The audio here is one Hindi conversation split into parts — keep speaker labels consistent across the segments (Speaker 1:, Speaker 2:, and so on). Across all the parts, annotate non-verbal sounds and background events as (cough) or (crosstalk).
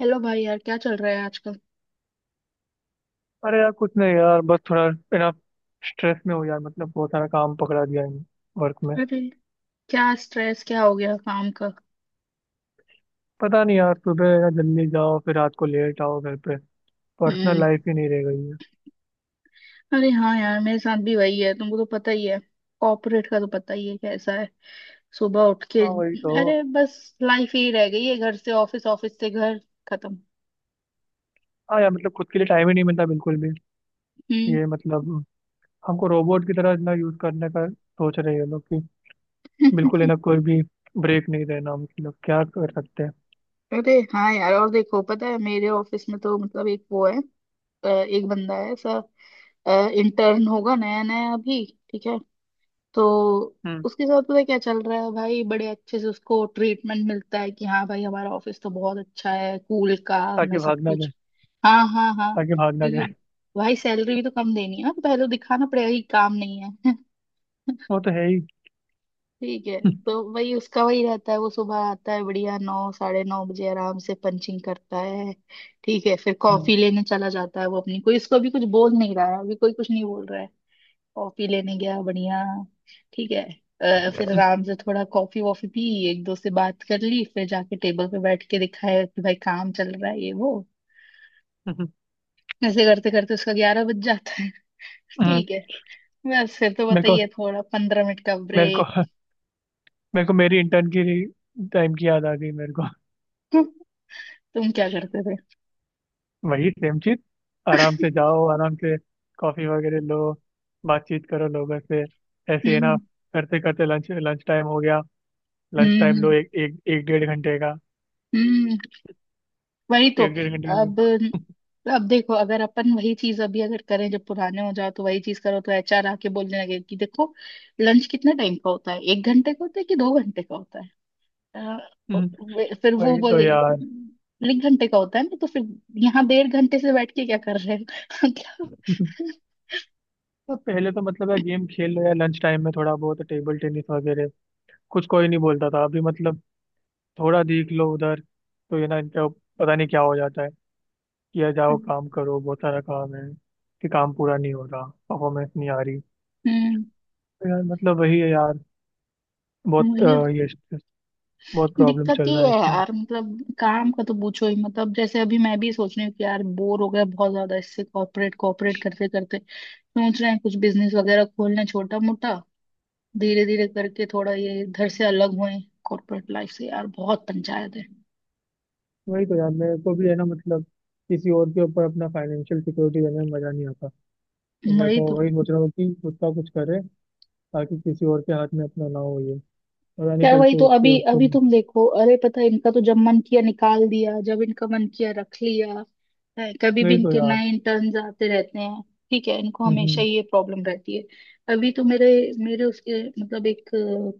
Speaker 1: हेलो भाई, यार क्या चल रहा है आजकल?
Speaker 2: अरे यार, कुछ नहीं यार, बस थोड़ा इतना स्ट्रेस में हो यार। मतलब बहुत सारा काम पकड़ा दिया है वर्क में।
Speaker 1: अरे, क्या स्ट्रेस, क्या हो गया काम का?
Speaker 2: पता नहीं यार, सुबह ना जल्दी जाओ, फिर रात को लेट आओ घर पे। Personal
Speaker 1: hmm.
Speaker 2: लाइफ ही नहीं रह गई है।
Speaker 1: अरे हाँ यार, मेरे साथ भी वही है, तुमको तो पता ही है। कॉर्पोरेट का तो पता ही है कैसा है। सुबह उठ के,
Speaker 2: हाँ वही तो।
Speaker 1: अरे बस लाइफ ही रह गई है, घर से ऑफिस, ऑफिस से घर। खत्म।
Speaker 2: हाँ यार, मतलब खुद के लिए टाइम ही नहीं मिलता बिल्कुल भी।
Speaker 1: हम्म।
Speaker 2: ये मतलब हमको रोबोट की तरह ना यूज करने का सोच रहे हैं ये लोग कि बिल्कुल है ना,
Speaker 1: (laughs)
Speaker 2: कोई भी ब्रेक नहीं देना। हम लोग क्या कर सकते हैं।
Speaker 1: अरे हाँ यार, और देखो पता है मेरे ऑफिस में तो मतलब एक वो है। एक बंदा है ऐसा, इंटर्न होगा नया नया अभी, ठीक है। तो
Speaker 2: हम्म।
Speaker 1: उसके साथ पता है क्या चल रहा है भाई, बड़े अच्छे से उसको ट्रीटमेंट मिलता है कि हाँ भाई हमारा ऑफिस तो बहुत अच्छा है, कूल काम है
Speaker 2: ताकि
Speaker 1: सब
Speaker 2: भागना
Speaker 1: कुछ।
Speaker 2: जाए,
Speaker 1: हाँ, हाँ, हाँ।
Speaker 2: ताकि भागना
Speaker 1: क्योंकि
Speaker 2: जाए।
Speaker 1: भाई सैलरी भी तो कम देनी है ना, तो पहले तो दिखाना पड़ेगा कि काम नहीं है।
Speaker 2: वो तो है ही।
Speaker 1: (laughs) ठीक है।
Speaker 2: (laughs)
Speaker 1: तो वही उसका वही रहता है, वो सुबह आता है बढ़िया नौ साढ़े नौ बजे आराम से पंचिंग करता है। ठीक है। फिर
Speaker 2: हम्म।
Speaker 1: कॉफी लेने चला जाता है, वो अपनी कोई, इसको अभी कुछ बोल नहीं रहा है, अभी कोई कुछ नहीं बोल रहा है। कॉफी लेने गया बढ़िया। ठीक है। फिर
Speaker 2: हम्म।
Speaker 1: आराम से थोड़ा कॉफी वॉफी पी, एक दो से बात कर ली, फिर जाके टेबल पे बैठ के दिखाया कि भाई काम चल रहा है ये वो।
Speaker 2: हम्म।
Speaker 1: ऐसे करते करते उसका 11 बज जाता है। (laughs)
Speaker 2: हम्म।
Speaker 1: ठीक है। बस फिर तो
Speaker 2: मेरे को
Speaker 1: बताइए, थोड़ा 15 मिनट का
Speaker 2: मेरे को
Speaker 1: ब्रेक।
Speaker 2: मेरे को मेरी इंटर्न की टाइम की याद आ गई मेरे को।
Speaker 1: (laughs) तुम क्या करते थे?
Speaker 2: (laughs) वही सेम चीज। आराम से जाओ, आराम से कॉफी वगैरह लो, बातचीत करो लोगों से, ऐसे ही ना।
Speaker 1: हम्म।
Speaker 2: करते करते लंच लंच टाइम हो गया। Lunch
Speaker 1: hmm.
Speaker 2: टाइम लो,
Speaker 1: हम्म।
Speaker 2: एक एक एक डेढ़ घंटे का।
Speaker 1: हम्म। वही तो।
Speaker 2: एक डेढ़ घंटे का लो।
Speaker 1: अब
Speaker 2: (laughs)
Speaker 1: अब देखो, अगर अपन वही चीज अभी अगर करें, जब पुराने हो जाओ तो वही चीज करो तो एचआर आके बोलने लगे कि देखो लंच कितने टाइम का होता है, एक घंटे का होता है कि दो घंटे का होता है। अ,
Speaker 2: हम्म।
Speaker 1: फिर वो
Speaker 2: वही तो
Speaker 1: बोले
Speaker 2: यार।
Speaker 1: एक घंटे का होता है ना, तो फिर यहाँ डेढ़ घंटे से बैठ के क्या कर रहे हो? (laughs) क्या।
Speaker 2: (laughs) तो पहले तो मतलब यार, गेम खेल लो, या लंच टाइम में थोड़ा बहुत टेबल टेनिस वगैरह कुछ, कोई नहीं बोलता था अभी। मतलब थोड़ा देख लो उधर। तो ये ना, इनका पता नहीं क्या हो जाता है, किया जाओ काम करो बहुत सारा काम है, कि काम पूरा नहीं हो रहा, परफॉर्मेंस नहीं आ रही।
Speaker 1: हम्म।
Speaker 2: तो यार मतलब वही है यार। बहुत अ,
Speaker 1: वही
Speaker 2: ये stress- बहुत प्रॉब्लम
Speaker 1: दिक्कत
Speaker 2: चल
Speaker 1: ये
Speaker 2: रहा
Speaker 1: है
Speaker 2: है इसमें।
Speaker 1: यार, मतलब काम का तो पूछो ही मतलब, जैसे अभी मैं भी सोच रही हूँ कि यार बोर हो गया बहुत ज्यादा इससे, कॉर्पोरेट कॉर्पोरेट करते करते। सोच रहे हैं कुछ बिजनेस वगैरह खोलना, छोटा मोटा, धीरे धीरे करके थोड़ा ये इधर से अलग हुए कॉर्पोरेट लाइफ से, यार बहुत पंचायत है।
Speaker 2: वही तो यार, मेरे को भी है ना। मतलब किसी और के ऊपर अपना फाइनेंशियल सिक्योरिटी देने में मजा नहीं आता। तो मेरे
Speaker 1: वही
Speaker 2: को
Speaker 1: तो
Speaker 2: वही सोच रहा हूँ कि खुद का कुछ करे, ताकि किसी और के हाथ में अपना ना हो ये। पता नहीं
Speaker 1: यार,
Speaker 2: कल
Speaker 1: वही तो।
Speaker 2: को उठ
Speaker 1: अभी
Speaker 2: के उसको।
Speaker 1: अभी तुम देखो, अरे पता है इनका तो जब मन किया निकाल दिया, जब इनका मन किया रख लिया है, कभी भी
Speaker 2: वही तो
Speaker 1: इनके
Speaker 2: यार।
Speaker 1: नए इंटर्न्स आते रहते हैं, ठीक है। इनको हमेशा
Speaker 2: हम्म।
Speaker 1: ये प्रॉब्लम रहती है। अभी तो मेरे मेरे उसके मतलब एक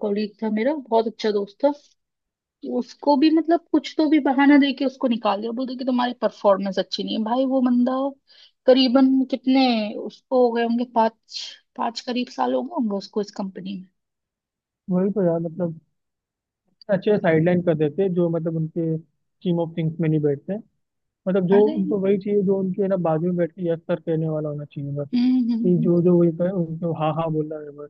Speaker 1: कॉलीग था मेरा, बहुत अच्छा दोस्त था। उसको भी मतलब कुछ तो भी बहाना दे के उसको निकाल दिया, बोलते कि तुम्हारी परफॉर्मेंस अच्छी नहीं है। भाई वो बंदा करीबन कितने, उसको हो गए होंगे पाँच, पाँच करीब साल हो गए होंगे उसको इस कंपनी में।
Speaker 2: वही तो यार मतलब अच्छे साइडलाइन कर देते जो मतलब उनके टीम ऑफ थिंग्स में नहीं बैठते। मतलब जो
Speaker 1: अरे।
Speaker 2: उनको वही चाहिए, जो उनके ना बाजू में बैठ के यस सर कहने वाला होना चाहिए बस,
Speaker 1: हम्म।
Speaker 2: कि
Speaker 1: हम्म।
Speaker 2: जो जो वही कहे उनको हाँ हाँ बोलना है बस।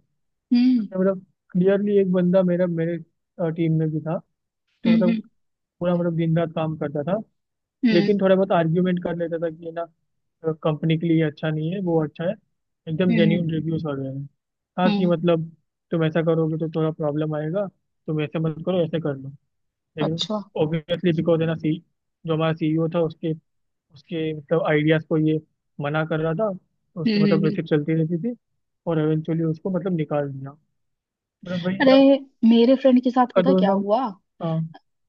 Speaker 1: हम्म।
Speaker 2: तो मतलब क्लियरली, एक बंदा मेरा मेरे टीम में भी था। तो
Speaker 1: हम्म।
Speaker 2: मतलब
Speaker 1: हम्म।
Speaker 2: पूरा मतलब दिन रात काम करता था।
Speaker 1: हम्म।
Speaker 2: लेकिन थोड़ा बहुत आर्ग्यूमेंट कर लेता था, कि ये ना कंपनी के लिए ये अच्छा नहीं है, वो अच्छा है। एकदम
Speaker 1: हम्म।
Speaker 2: जेन्यून रिव्यूज वगैरह हैं। हाँ कि
Speaker 1: हम्म।
Speaker 2: मतलब, तुम ऐसा करोगे तो थोड़ा प्रॉब्लम आएगा, तुम ऐसे मत करो, ऐसे कर लो। लेकिन
Speaker 1: अच्छा।
Speaker 2: ऑब्वियसली बिकॉज है ना, सी जो हमारा सीईओ था, उसके उसके मतलब आइडियाज को ये मना कर रहा था। तो
Speaker 1: हम्म।
Speaker 2: उसकी
Speaker 1: हम्म।
Speaker 2: मतलब
Speaker 1: हम्म।
Speaker 2: वैसे चलती रहती थी। और एवेंचुअली उसको मतलब निकाल दिया। मतलब वही है
Speaker 1: अरे
Speaker 2: ना,
Speaker 1: मेरे फ्रेंड के साथ
Speaker 2: का
Speaker 1: पता
Speaker 2: जो है
Speaker 1: क्या
Speaker 2: ना।
Speaker 1: हुआ।
Speaker 2: हाँ।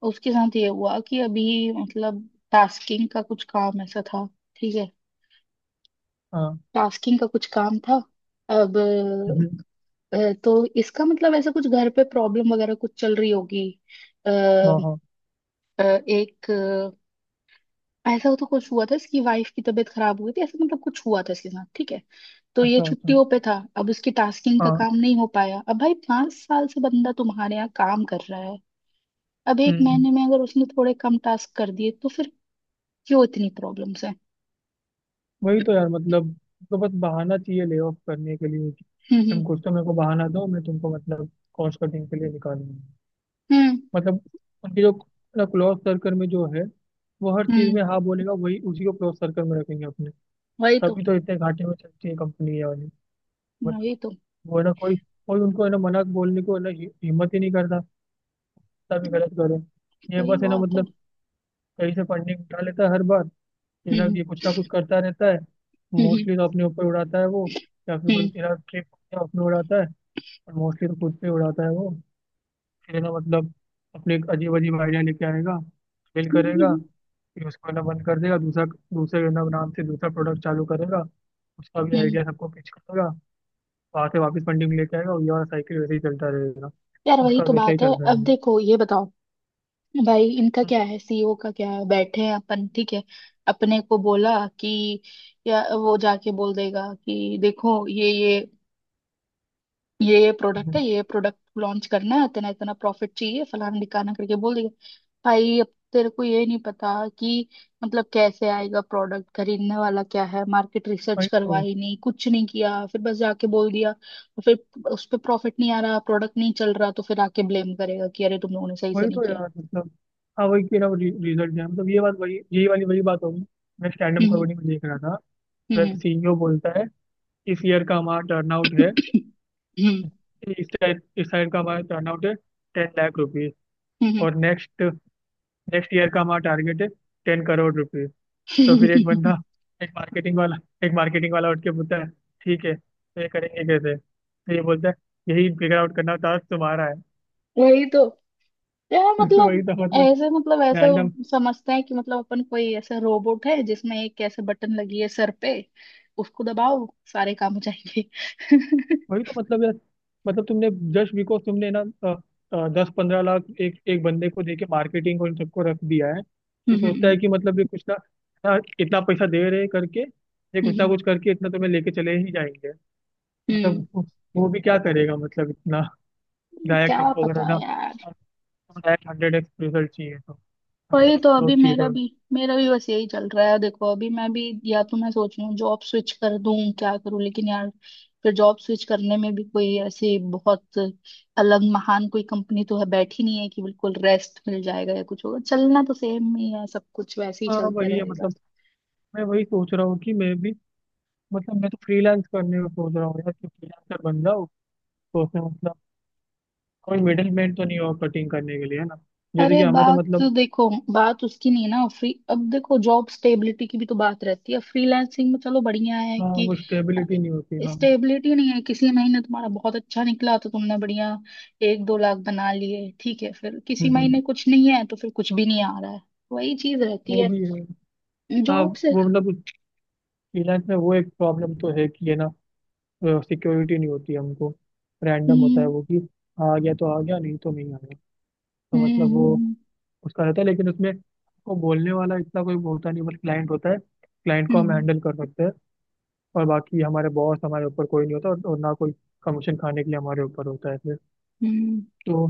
Speaker 1: उसके साथ ये हुआ कि अभी मतलब टास्किंग का कुछ काम ऐसा था, ठीक है।
Speaker 2: हाँ।
Speaker 1: टास्किंग का कुछ काम था। अब
Speaker 2: हम्म।
Speaker 1: तो इसका मतलब ऐसा कुछ घर पे प्रॉब्लम वगैरह कुछ चल रही होगी। अ, अ,
Speaker 2: हाँ हाँ।
Speaker 1: एक ऐसा तो कुछ हुआ था, इसकी वाइफ की तबीयत खराब हुई थी, ऐसा मतलब कुछ हुआ था इसके साथ, ठीक है। तो ये
Speaker 2: अच्छा अच्छा।
Speaker 1: छुट्टियों पे था, अब उसकी टास्किंग का
Speaker 2: हाँ।
Speaker 1: काम नहीं हो पाया। अब भाई, 5 साल से बंदा तुम्हारे यहाँ काम कर रहा है, अब एक
Speaker 2: हम्म।
Speaker 1: महीने में अगर उसने थोड़े कम टास्क कर दिए तो फिर क्यों इतनी प्रॉब्लम्स है।
Speaker 2: वही तो यार मतलब, तो बस बहाना चाहिए ले ऑफ करने के लिए कि,
Speaker 1: हम्म। हम्म।
Speaker 2: तुम कुछ तो मेरे को बहाना दो, मैं तुमको मतलब कॉस्ट कटिंग के लिए निकालूंगा।
Speaker 1: हम्म।
Speaker 2: मतलब उनके जो क्लोज सर्कल में जो है वो हर चीज
Speaker 1: हम्म,
Speaker 2: में हाँ बोलेगा, वही, उसी को क्लोज सर्कल में रखेंगे अपने।
Speaker 1: वही तो।
Speaker 2: तभी तो इतने घाटे में चलती है कंपनी ये वाली।
Speaker 1: वही तो।
Speaker 2: वो है ना कोई, कोई उनको है ना मना बोलने को है ना, हिम्मत ही नहीं करता। तभी गलत करो। ये
Speaker 1: सही
Speaker 2: बस है ना
Speaker 1: बात है।
Speaker 2: मतलब, कहीं से फंडिंग उठा लेता है हर बार। फिर ना
Speaker 1: हम्म।
Speaker 2: ये कुछ ना कुछ करता रहता है।
Speaker 1: हम्म।
Speaker 2: मोस्टली तो अपने ऊपर उड़ाता है वो। या फिर कोई
Speaker 1: हम्म।
Speaker 2: तेरा ट्रिप अपने उड़ाता है। और मोस्टली तो खुद पे उड़ाता है वो। फिर है ना मतलब अपने एक अजीब अजीब आइडिया लेके आएगा, फेल
Speaker 1: हम्म। हम्म।
Speaker 2: करेगा। फिर उसको है ना बंद कर देगा, दूसरा, दूसरे है ना नाम से दूसरा प्रोडक्ट चालू करेगा। उसका भी
Speaker 1: हम्म।
Speaker 2: आइडिया सबको पिच करेगा। वहां से वापस पंडिंग लेके आएगा, और ये वाला साइकिल वैसे ही चलता रहेगा।
Speaker 1: यार वही
Speaker 2: उसका
Speaker 1: तो
Speaker 2: वैसा ही
Speaker 1: बात है।
Speaker 2: चलता
Speaker 1: अब
Speaker 2: रहेगा।
Speaker 1: देखो ये बताओ, भाई इनका
Speaker 2: हम्म।
Speaker 1: क्या है, सीईओ का क्या है, बैठे हैं अपन, ठीक है। अपने को बोला कि, या वो जाके बोल देगा कि देखो ये प्रोडक्ट है,
Speaker 2: हम्म।
Speaker 1: ये प्रोडक्ट लॉन्च करना है, इतना इतना प्रॉफिट चाहिए, फलाना ढिकाना करके बोल देगा। भाई अब तेरे को ये नहीं पता कि मतलब कैसे आएगा प्रोडक्ट खरीदने वाला, क्या है, मार्केट रिसर्च
Speaker 2: वही तो।
Speaker 1: करवाई नहीं, कुछ नहीं किया, फिर बस जाके बोल दिया। और फिर उस पर प्रॉफिट नहीं आ रहा, प्रोडक्ट नहीं चल रहा, तो फिर आके ब्लेम करेगा कि अरे तुम लोगों ने सही से
Speaker 2: वही
Speaker 1: नहीं
Speaker 2: तो
Speaker 1: किया।
Speaker 2: यार मतलब। हाँ वही कि ना वो रिजल्ट है मतलब। ये बात वही, यही वाली वही बात होगी। मैं स्टैंड अप
Speaker 1: हम्म।
Speaker 2: कॉमेडी में देख रहा था, जब
Speaker 1: हम्म।
Speaker 2: सीईओ बोलता है, इस ईयर का हमारा टर्नआउट है,
Speaker 1: हम्म। हम्म।
Speaker 2: इस टाइप इस साइड का हमारा टर्नआउट है 10 लाख रुपीज,
Speaker 1: हम्म,
Speaker 2: और नेक्स्ट नेक्स्ट ईयर का हमारा टारगेट है 10 करोड़ रुपीज। तो फिर एक
Speaker 1: हम्म।
Speaker 2: बंदा, एक मार्केटिंग वाला, उठ के बोलता है, ठीक है, तो ये करेंगे कैसे। तो ये बोलता है, यही फिगर आउट करना टास्क तुम्हारा है।
Speaker 1: (laughs) वही तो यार
Speaker 2: (laughs) वही
Speaker 1: मतलब,
Speaker 2: तो मतलब,
Speaker 1: ऐसे मतलब, ऐसे
Speaker 2: रैंडम।
Speaker 1: समझते हैं कि मतलब अपन कोई ऐसा रोबोट है जिसमें एक ऐसे बटन लगी है सर पे, उसको दबाओ सारे काम हो जाएंगे। (laughs)
Speaker 2: वही तो मतलब यार मतलब, तुमने, जस्ट बिकॉज तुमने ना 10-15 लाख एक एक बंदे को दे के मार्केटिंग और इन सबको रख दिया है,
Speaker 1: हम्म।
Speaker 2: तो सोचता है
Speaker 1: हम्म।
Speaker 2: कि मतलब ये कुछ ना, ना इतना पैसा दे रहे करके ये कुछ ना
Speaker 1: हम्म।
Speaker 2: कुछ करके इतना तुम्हें लेके चले ही जाएंगे।
Speaker 1: हम्म।
Speaker 2: मतलब वो भी क्या करेगा मतलब, इतना गायक
Speaker 1: क्या
Speaker 2: तुमको अगर है
Speaker 1: पता
Speaker 2: ना
Speaker 1: यार।
Speaker 2: डायरेक्ट हंड्रेड एक्स रिजल्ट चाहिए तो,
Speaker 1: वही
Speaker 2: 100x
Speaker 1: तो।
Speaker 2: ग्रोथ
Speaker 1: अभी
Speaker 2: चाहिए
Speaker 1: मेरा
Speaker 2: तो।
Speaker 1: भी मेरा भी बस यही चल रहा है, देखो अभी मैं भी, या तो मैं सोच रही हूँ जॉब स्विच कर दूं, क्या करूं। लेकिन यार फिर जॉब स्विच करने में भी कोई ऐसी बहुत अलग महान कोई कंपनी तो है बैठी नहीं, है कि बिल्कुल रेस्ट मिल जाएगा या कुछ होगा, चलना तो सेम ही है, सब कुछ वैसे ही
Speaker 2: हाँ
Speaker 1: चलते
Speaker 2: वही है
Speaker 1: रहेगा।
Speaker 2: मतलब। मैं वही सोच रहा हूँ कि मैं भी मतलब, मैं तो फ्रीलांस करने को सोच रहा हूँ यार, कि फ्रीलांसर बन जाऊँ। तो उसमें मतलब कोई मिडिल मैन तो नहीं हो कटिंग करने के लिए है ना, जैसे
Speaker 1: अरे
Speaker 2: कि हमें तो
Speaker 1: बात तो
Speaker 2: मतलब।
Speaker 1: देखो, बात उसकी नहीं ना, फ्री, अब देखो जॉब स्टेबिलिटी की भी तो बात रहती है फ्रीलांसिंग में, चलो बढ़िया है
Speaker 2: हाँ
Speaker 1: कि
Speaker 2: वो स्टेबिलिटी नहीं होती। हाँ। हम्म।
Speaker 1: स्टेबिलिटी नहीं है, किसी महीने तुम्हारा बहुत अच्छा निकला तो तुमने बढ़िया एक दो लाख बना लिए, ठीक है, फिर किसी
Speaker 2: हम्म।
Speaker 1: महीने कुछ नहीं है तो फिर कुछ भी नहीं आ रहा है। वही चीज रहती
Speaker 2: वो
Speaker 1: है
Speaker 2: भी है। हाँ।
Speaker 1: जॉब से।
Speaker 2: वो मतलब फ्रीलांस में वो एक प्रॉब्लम तो है कि है ना, सिक्योरिटी नहीं होती हमको। रैंडम होता है
Speaker 1: हम्म।
Speaker 2: वो कि, आ गया तो आ गया, नहीं तो नहीं आ गया। तो
Speaker 1: हम्म।
Speaker 2: मतलब वो
Speaker 1: हम्म।
Speaker 2: उसका रहता है, लेकिन उसमें वो बोलने वाला इतना कोई होता नहीं, बस क्लाइंट होता है, क्लाइंट को हम
Speaker 1: हम्म।
Speaker 2: हैंडल कर सकते हैं। और बाकी हमारे बॉस हमारे ऊपर कोई नहीं होता, और ना कोई कमीशन खाने के लिए हमारे ऊपर होता है फिर।
Speaker 1: हम्म।
Speaker 2: तो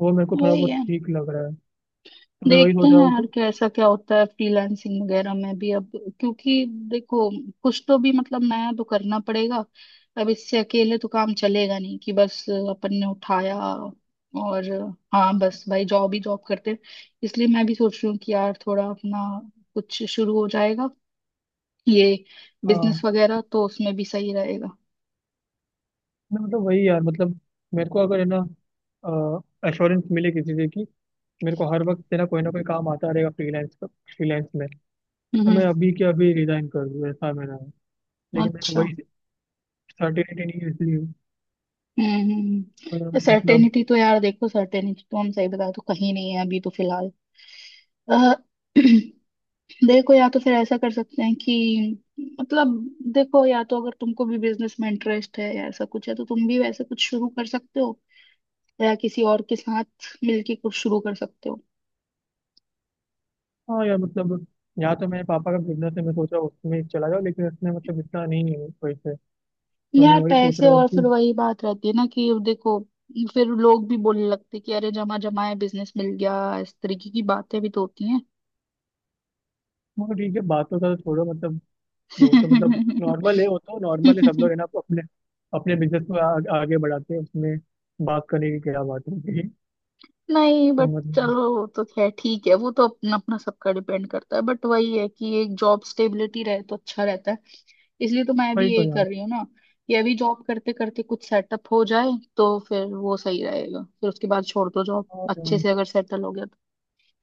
Speaker 2: वो मेरे को थोड़ा
Speaker 1: वही
Speaker 2: बहुत
Speaker 1: है।
Speaker 2: ठीक लग रहा है। तो मैं वही
Speaker 1: देखते
Speaker 2: सोच रहा
Speaker 1: हैं
Speaker 2: हूँ कि।
Speaker 1: यार कैसा क्या होता है फ्रीलांसिंग वगैरह में भी, अब क्योंकि देखो कुछ तो भी मतलब नया तो करना पड़ेगा, अब इससे अकेले तो काम चलेगा नहीं कि बस अपन ने उठाया और हाँ बस भाई जॉब ही जॉब करते हैं। इसलिए मैं भी सोच रही हूँ कि यार थोड़ा अपना कुछ शुरू हो जाएगा ये बिजनेस
Speaker 2: हाँ,
Speaker 1: वगैरह, तो उसमें भी सही रहेगा।
Speaker 2: मैं मतलब वही यार मतलब, मेरे को अगर है ना एश्योरेंस मिले किसी चीज़ की, मेरे को हर वक्त है ना कोई काम आता रहेगा फ्रीलांस का, फ्रीलांस में, तो
Speaker 1: हम्म।
Speaker 2: मैं अभी के अभी रिजाइन कर दूँ ऐसा मेरा है। लेकिन मेरे को
Speaker 1: अच्छा।
Speaker 2: वही सर्टिनिटी नहीं है इसलिए।
Speaker 1: हम्म।
Speaker 2: तो यार
Speaker 1: हम्म।
Speaker 2: मतलब,
Speaker 1: सर्टेनिटी तो यार देखो, सर्टेनिटी तो हम सही बता, तो कहीं नहीं है अभी तो फिलहाल। अ, (clears throat) देखो, या तो फिर ऐसा कर सकते हैं कि मतलब, देखो या तो अगर तुमको भी बिजनेस में इंटरेस्ट है या ऐसा कुछ है तो तुम भी वैसे कुछ शुरू कर सकते हो, या किसी और के साथ मिलके कुछ शुरू कर सकते हो।
Speaker 2: हाँ यार मतलब, यहाँ तो मेरे पापा का बिजनेस है, मैं सोच रहा हूँ उसमें चला जाओ, लेकिन उसमें मतलब इतना नहीं है पैसे। तो मैं
Speaker 1: यार
Speaker 2: वही सोच
Speaker 1: पैसे,
Speaker 2: रहा हूँ
Speaker 1: और
Speaker 2: कि,
Speaker 1: फिर वही बात रहती है ना कि देखो फिर लोग भी बोलने लगते हैं कि अरे जमा जमाए बिजनेस मिल गया, इस तरीके की बातें भी तो होती हैं।
Speaker 2: मगर ठीक है, बातों का तो छोड़ो मतलब, वो तो मतलब नॉर्मल है, वो तो नॉर्मल है, सब लोग है ना
Speaker 1: (laughs)
Speaker 2: अपने अपने बिजनेस को आगे बढ़ाते हैं उसमें। बात करने की क्या बात होती है।
Speaker 1: नहीं,
Speaker 2: तो
Speaker 1: बट
Speaker 2: मतलब,
Speaker 1: चलो वो तो खैर ठीक है, वो तो अपना अपना सबका डिपेंड करता है, बट वही है कि एक जॉब स्टेबिलिटी रहे तो अच्छा रहता है। इसलिए तो मैं भी
Speaker 2: वही तो
Speaker 1: यही
Speaker 2: यार।
Speaker 1: कर रही हूँ ना, कि अभी जॉब करते करते कुछ सेटअप हो जाए तो फिर वो सही रहेगा, फिर उसके बाद छोड़ दो जॉब,
Speaker 2: हाँ
Speaker 1: अच्छे
Speaker 2: यार।
Speaker 1: से अगर सेटल हो गया तो।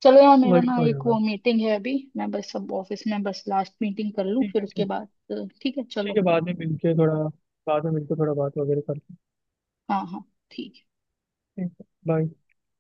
Speaker 1: चलो यार, मेरा
Speaker 2: वही
Speaker 1: ना
Speaker 2: तो
Speaker 1: एक
Speaker 2: यार।
Speaker 1: वो मीटिंग है अभी, मैं बस सब ऑफिस में बस लास्ट मीटिंग कर लूँ
Speaker 2: ठीक
Speaker 1: फिर
Speaker 2: है,
Speaker 1: उसके
Speaker 2: ठीक।
Speaker 1: बाद, ठीक है
Speaker 2: ठीक
Speaker 1: चलो।
Speaker 2: है, बाद में मिलके थोड़ा, बाद में मिलके थोड़ा बात वगैरह करते
Speaker 1: हाँ, हाँ, ठीक है।
Speaker 2: हैं। ठीक है, बाय।